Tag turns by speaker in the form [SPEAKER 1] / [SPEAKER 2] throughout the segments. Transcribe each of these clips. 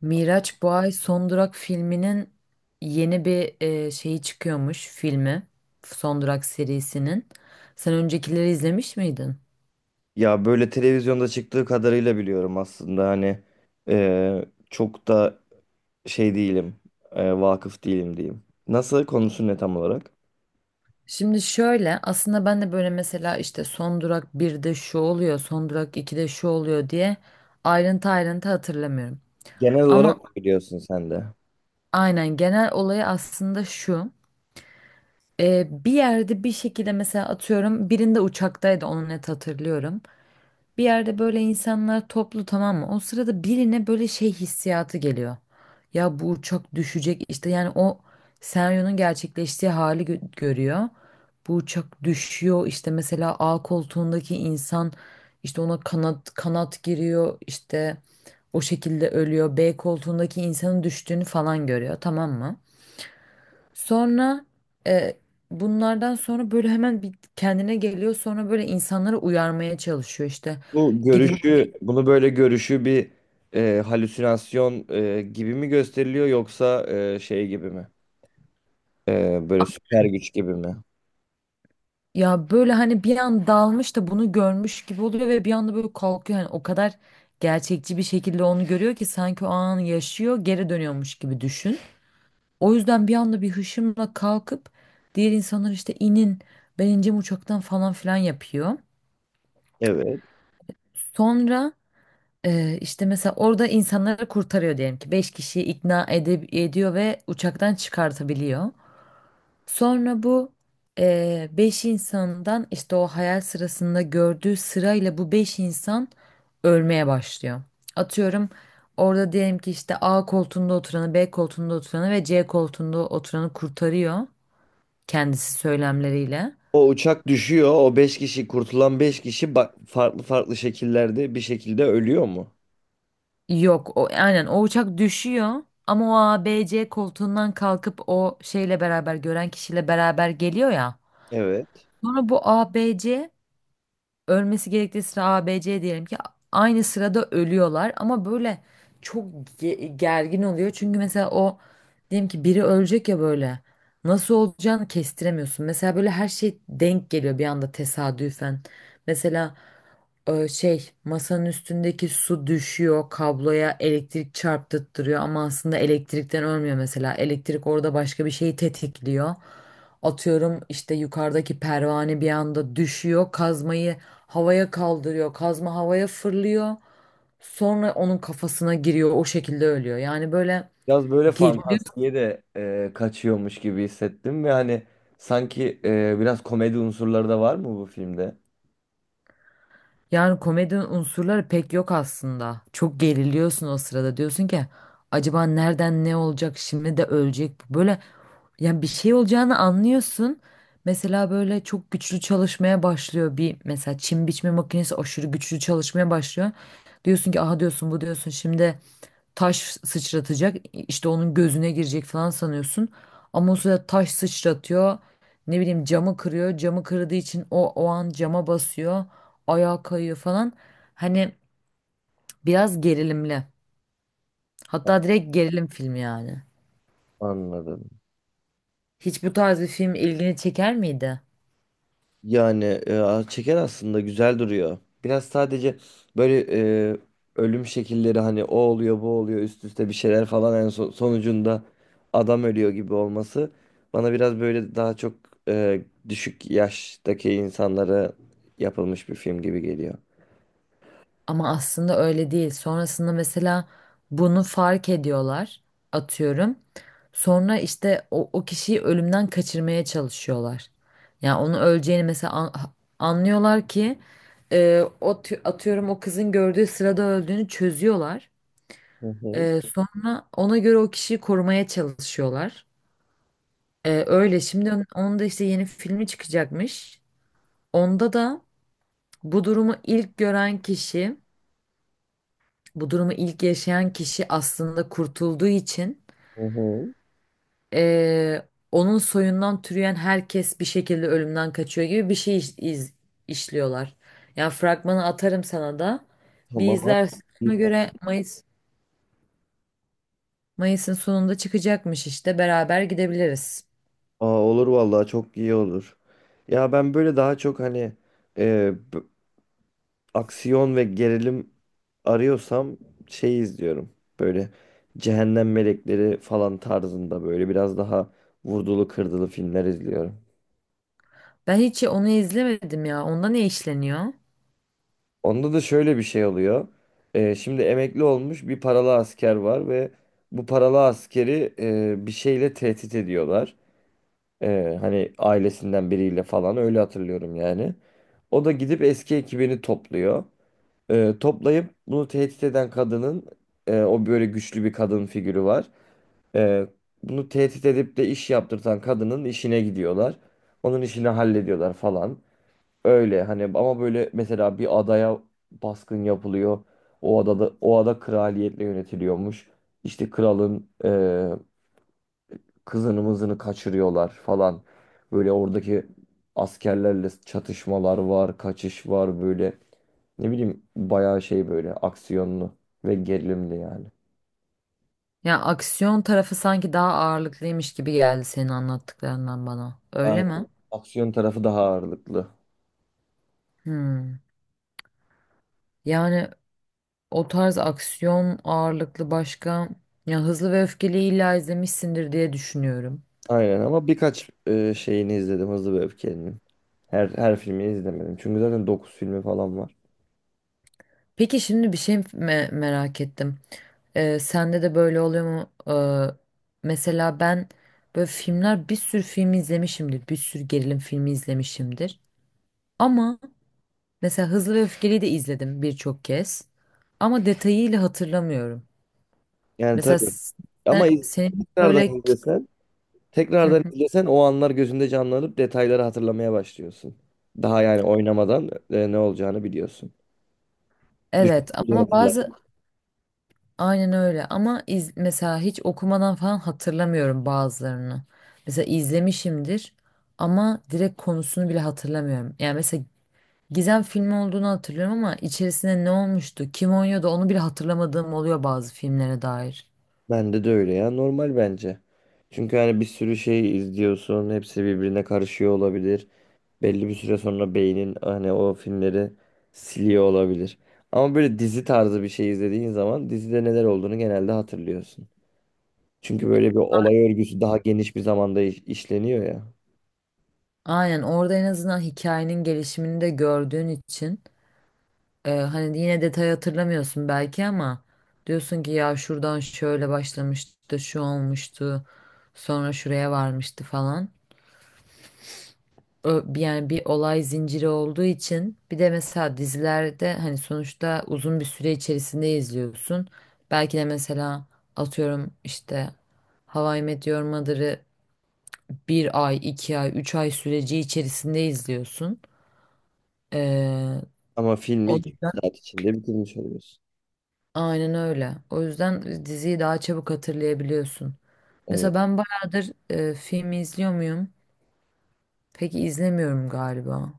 [SPEAKER 1] Miraç bu ay Son Durak filminin yeni bir şeyi çıkıyormuş filmi. Son Durak serisinin. Sen öncekileri izlemiş miydin?
[SPEAKER 2] Ya böyle televizyonda çıktığı kadarıyla biliyorum aslında hani e, çok da şey değilim, vakıf değilim diyeyim. Nasıl konusu ne tam olarak?
[SPEAKER 1] Şimdi şöyle aslında ben de böyle mesela işte Son Durak birde şu oluyor, Son Durak 2'de şu oluyor diye ayrıntı hatırlamıyorum.
[SPEAKER 2] Genel olarak
[SPEAKER 1] Ama
[SPEAKER 2] mı biliyorsun sen de?
[SPEAKER 1] aynen genel olayı aslında şu. Bir yerde bir şekilde mesela atıyorum birinde uçaktaydı onu net hatırlıyorum. Bir yerde böyle insanlar toplu, tamam mı? O sırada birine böyle şey hissiyatı geliyor. Ya bu uçak düşecek işte, yani o senaryonun gerçekleştiği hali görüyor. Bu uçak düşüyor işte, mesela A koltuğundaki insan işte ona kanat giriyor, işte o şekilde ölüyor. B koltuğundaki insanın düştüğünü falan görüyor, tamam mı? Sonra e, bunlardan sonra böyle hemen bir kendine geliyor, sonra böyle insanları uyarmaya çalışıyor işte.
[SPEAKER 2] Bu
[SPEAKER 1] Gidin.
[SPEAKER 2] görüşü, bunu böyle görüşü bir halüsinasyon gibi mi gösteriliyor yoksa şey gibi mi? Böyle süper güç gibi mi?
[SPEAKER 1] Ya böyle hani bir an dalmış da bunu görmüş gibi oluyor ve bir anda böyle kalkıyor. Hani o kadar gerçekçi bir şekilde onu görüyor ki sanki o anı yaşıyor, geri dönüyormuş gibi düşün. O yüzden bir anda bir hışımla kalkıp diğer insanlar işte inin, ben ineceğim uçaktan falan filan yapıyor.
[SPEAKER 2] Evet.
[SPEAKER 1] Sonra işte mesela orada insanları kurtarıyor, diyelim ki 5 kişiyi ediyor ve uçaktan çıkartabiliyor. Sonra bu beş insandan, işte o hayal sırasında gördüğü sırayla bu beş insan ölmeye başlıyor. Atıyorum, orada diyelim ki işte A koltuğunda oturanı, B koltuğunda oturanı ve C koltuğunda oturanı kurtarıyor kendisi söylemleriyle.
[SPEAKER 2] O uçak düşüyor. O beş kişi kurtulan beş kişi farklı farklı şekillerde bir şekilde ölüyor mu?
[SPEAKER 1] Yok, o aynen o uçak düşüyor ama o A, B, C koltuğundan kalkıp o şeyle beraber gören kişiyle beraber geliyor ya.
[SPEAKER 2] Evet.
[SPEAKER 1] Sonra bu A, B, C ölmesi gerektiği sıra A, B, C diyelim ki aynı sırada ölüyorlar ama böyle çok gergin oluyor. Çünkü mesela o diyelim ki biri ölecek ya, böyle nasıl olacağını kestiremiyorsun. Mesela böyle her şey denk geliyor bir anda tesadüfen. Mesela masanın üstündeki su düşüyor kabloya, elektrik çarptırıyor ama aslında elektrikten ölmüyor mesela. Elektrik orada başka bir şeyi tetikliyor. Atıyorum işte yukarıdaki pervane bir anda düşüyor, kazmayı havaya kaldırıyor, kazma havaya fırlıyor. Sonra onun kafasına giriyor, o şekilde ölüyor. Yani böyle
[SPEAKER 2] Biraz böyle
[SPEAKER 1] geriliyorum.
[SPEAKER 2] fantastiğe de kaçıyormuş gibi hissettim ve hani sanki biraz komedi unsurları da var mı bu filmde?
[SPEAKER 1] Yani komedi unsurları pek yok aslında. Çok geriliyorsun o sırada. Diyorsun ki acaba nereden ne olacak, şimdi de ölecek bu. Böyle yani bir şey olacağını anlıyorsun. Mesela böyle çok güçlü çalışmaya başlıyor bir mesela çim biçme makinesi aşırı güçlü çalışmaya başlıyor. Diyorsun ki aha diyorsun bu, diyorsun şimdi taş sıçratacak işte onun gözüne girecek falan sanıyorsun. Ama o sırada taş sıçratıyor, ne bileyim camı kırıyor, camı kırdığı için o an cama basıyor, ayağa kayıyor falan. Hani biraz gerilimli, hatta direkt gerilim filmi yani.
[SPEAKER 2] Anladım.
[SPEAKER 1] Hiç bu tarz bir film ilgini çeker miydi?
[SPEAKER 2] Yani çeker aslında güzel duruyor. Biraz sadece böyle e, ölüm şekilleri hani o oluyor bu oluyor üst üste bir şeyler falan en son, sonucunda adam ölüyor gibi olması bana biraz böyle daha çok e, düşük yaştaki insanlara yapılmış bir film gibi geliyor.
[SPEAKER 1] Ama aslında öyle değil. Sonrasında mesela bunu fark ediyorlar, atıyorum. Sonra işte o kişiyi ölümden kaçırmaya çalışıyorlar. Yani onu öleceğini mesela anlıyorlar ki o atıyorum o kızın gördüğü sırada öldüğünü çözüyorlar.
[SPEAKER 2] Hı hı.
[SPEAKER 1] Sonra ona göre o kişiyi korumaya çalışıyorlar. Öyle şimdi onun da işte yeni filmi çıkacakmış. Onda da bu durumu ilk gören kişi, bu durumu ilk yaşayan kişi aslında kurtulduğu için
[SPEAKER 2] Hı hı.
[SPEAKER 1] onun soyundan türeyen herkes bir şekilde ölümden kaçıyor gibi bir şey işliyorlar. Yani fragmanı atarım sana da. Bir
[SPEAKER 2] Tamam at.
[SPEAKER 1] izlersin.
[SPEAKER 2] İyi.
[SPEAKER 1] Ona göre Mayıs'ın sonunda çıkacakmış işte. Beraber gidebiliriz.
[SPEAKER 2] Aa, olur vallahi çok iyi olur. Ya ben böyle daha çok hani aksiyon ve gerilim arıyorsam şey izliyorum. Böyle Cehennem Melekleri falan tarzında böyle biraz daha vurdulu kırdılı filmler izliyorum.
[SPEAKER 1] Ben hiç onu izlemedim ya. Onda ne işleniyor?
[SPEAKER 2] Onda da şöyle bir şey oluyor. Şimdi emekli olmuş bir paralı asker var ve bu paralı askeri bir şeyle tehdit ediyorlar. Hani ailesinden biriyle falan öyle hatırlıyorum yani. O da gidip eski ekibini topluyor. Toplayıp bunu tehdit eden kadının o böyle güçlü bir kadın figürü var. Ee, Bunu tehdit edip de iş yaptırtan kadının işine gidiyorlar. Onun işini hallediyorlar falan. Öyle hani ama böyle mesela bir adaya baskın yapılıyor. O adada o ada kraliyetle yönetiliyormuş. İşte kralın kızını mızını kaçırıyorlar falan. Böyle oradaki askerlerle çatışmalar var, kaçış var böyle. Ne bileyim bayağı şey böyle aksiyonlu ve gerilimli yani.
[SPEAKER 1] Ya aksiyon tarafı sanki daha ağırlıklıymış gibi geldi senin anlattıklarından bana. Öyle
[SPEAKER 2] Aynen.
[SPEAKER 1] mi?
[SPEAKER 2] Aksiyon tarafı daha ağırlıklı.
[SPEAKER 1] Hmm. Yani o tarz aksiyon ağırlıklı başka, ya Hızlı ve Öfkeli illa izlemişsindir diye düşünüyorum.
[SPEAKER 2] Aynen ama birkaç şeyini izledim Hızlı ve Öfkeli'nin. Her filmini izlemedim. Çünkü zaten 9 filmi falan var.
[SPEAKER 1] Peki şimdi bir şey merak ettim. Sende de böyle oluyor mu? Mesela ben böyle filmler, bir sürü film izlemişimdir. Bir sürü gerilim filmi izlemişimdir. Ama mesela Hızlı ve Öfkeli'yi de izledim birçok kez. Ama detayıyla hatırlamıyorum.
[SPEAKER 2] Yani
[SPEAKER 1] Mesela
[SPEAKER 2] tabii. Ama iz-
[SPEAKER 1] senin
[SPEAKER 2] Tekrardan
[SPEAKER 1] böyle
[SPEAKER 2] izlesen,
[SPEAKER 1] hı
[SPEAKER 2] tekrardan
[SPEAKER 1] hı,
[SPEAKER 2] izlesen o anlar gözünde canlanıp detayları hatırlamaya başlıyorsun. Daha yani oynamadan ne olacağını biliyorsun.
[SPEAKER 1] evet
[SPEAKER 2] Düşününce
[SPEAKER 1] ama
[SPEAKER 2] hatırla.
[SPEAKER 1] bazı aynen öyle ama iz, mesela hiç okumadan falan hatırlamıyorum bazılarını. Mesela izlemişimdir ama direkt konusunu bile hatırlamıyorum. Yani mesela Gizem filmi olduğunu hatırlıyorum ama içerisinde ne olmuştu, kim oynuyordu onu bile hatırlamadığım oluyor bazı filmlere dair.
[SPEAKER 2] Bende de öyle ya. Normal bence. Çünkü hani bir sürü şey izliyorsun. Hepsi birbirine karışıyor olabilir. Belli bir süre sonra beynin hani o filmleri siliyor olabilir. Ama böyle dizi tarzı bir şey izlediğin zaman dizide neler olduğunu genelde hatırlıyorsun. Çünkü böyle bir olay örgüsü daha geniş bir zamanda işleniyor ya.
[SPEAKER 1] Aynen orada en azından hikayenin gelişimini de gördüğün için hani yine detayı hatırlamıyorsun belki ama diyorsun ki ya şuradan şöyle başlamıştı, şu olmuştu, sonra şuraya varmıştı falan. Yani bir olay zinciri olduğu için bir de mesela dizilerde hani sonuçta uzun bir süre içerisinde izliyorsun. Belki de mesela atıyorum işte How I Met Your Mother'ı bir ay, iki ay, üç ay süreci içerisinde izliyorsun. Ee,
[SPEAKER 2] Ama filmi
[SPEAKER 1] O
[SPEAKER 2] 2
[SPEAKER 1] yüzden
[SPEAKER 2] saat içinde bitirmiş oluyorsun.
[SPEAKER 1] aynen öyle. O yüzden diziyi daha çabuk hatırlayabiliyorsun.
[SPEAKER 2] Evet.
[SPEAKER 1] Mesela ben bayağıdır film izliyor muyum? Peki izlemiyorum galiba.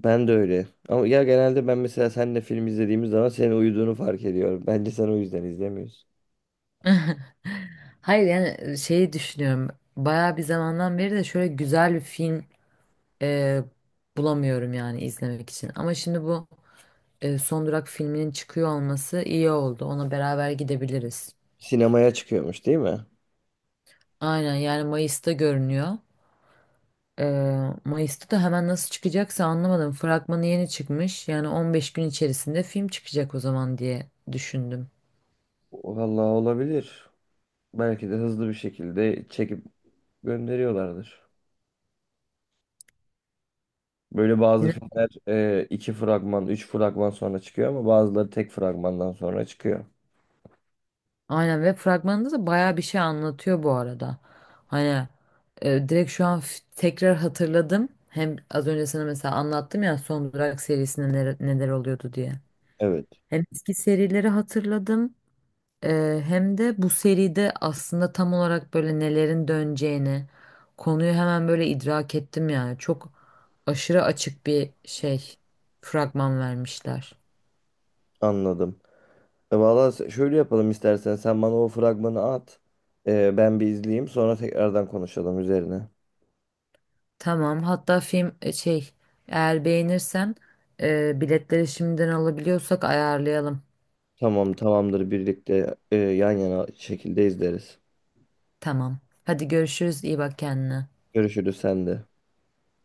[SPEAKER 2] Ben de öyle. Ama ya genelde ben mesela seninle film izlediğimiz zaman senin uyuduğunu fark ediyorum. Bence sen o yüzden izlemiyorsun.
[SPEAKER 1] Hayır yani şeyi düşünüyorum. Bayağı bir zamandan beri de şöyle güzel bir film e, bulamıyorum yani izlemek için. Ama şimdi bu Son Durak filminin çıkıyor olması iyi oldu. Ona beraber gidebiliriz.
[SPEAKER 2] Sinemaya çıkıyormuş değil mi?
[SPEAKER 1] Aynen yani Mayıs'ta görünüyor. E, Mayıs'ta da hemen nasıl çıkacaksa anlamadım. Fragmanı yeni çıkmış. Yani 15 gün içerisinde film çıkacak o zaman diye düşündüm.
[SPEAKER 2] Vallahi olabilir. Belki de hızlı bir şekilde çekip gönderiyorlardır. Böyle bazı filmler iki fragman, üç fragman sonra çıkıyor ama bazıları tek fragmandan sonra çıkıyor.
[SPEAKER 1] Aynen, ve fragmanında da bayağı bir şey anlatıyor bu arada. Hani direkt şu an tekrar hatırladım. Hem az önce sana mesela anlattım ya Son Durak serisinde neler, neler oluyordu diye.
[SPEAKER 2] Evet.
[SPEAKER 1] Hem eski serileri hatırladım hem de bu seride aslında tam olarak böyle nelerin döneceğini, konuyu hemen böyle idrak ettim yani. Çok aşırı açık bir şey fragman vermişler.
[SPEAKER 2] Anladım. Şöyle yapalım istersen. Sen bana o fragmanı at. Ben bir izleyeyim. Sonra tekrardan konuşalım üzerine.
[SPEAKER 1] Tamam. Hatta film eğer beğenirsen biletleri şimdiden alabiliyorsak ayarlayalım.
[SPEAKER 2] Tamam, tamamdır. Birlikte yan yana şekilde izleriz.
[SPEAKER 1] Tamam. Hadi görüşürüz. İyi bak kendine.
[SPEAKER 2] Görüşürüz sen de.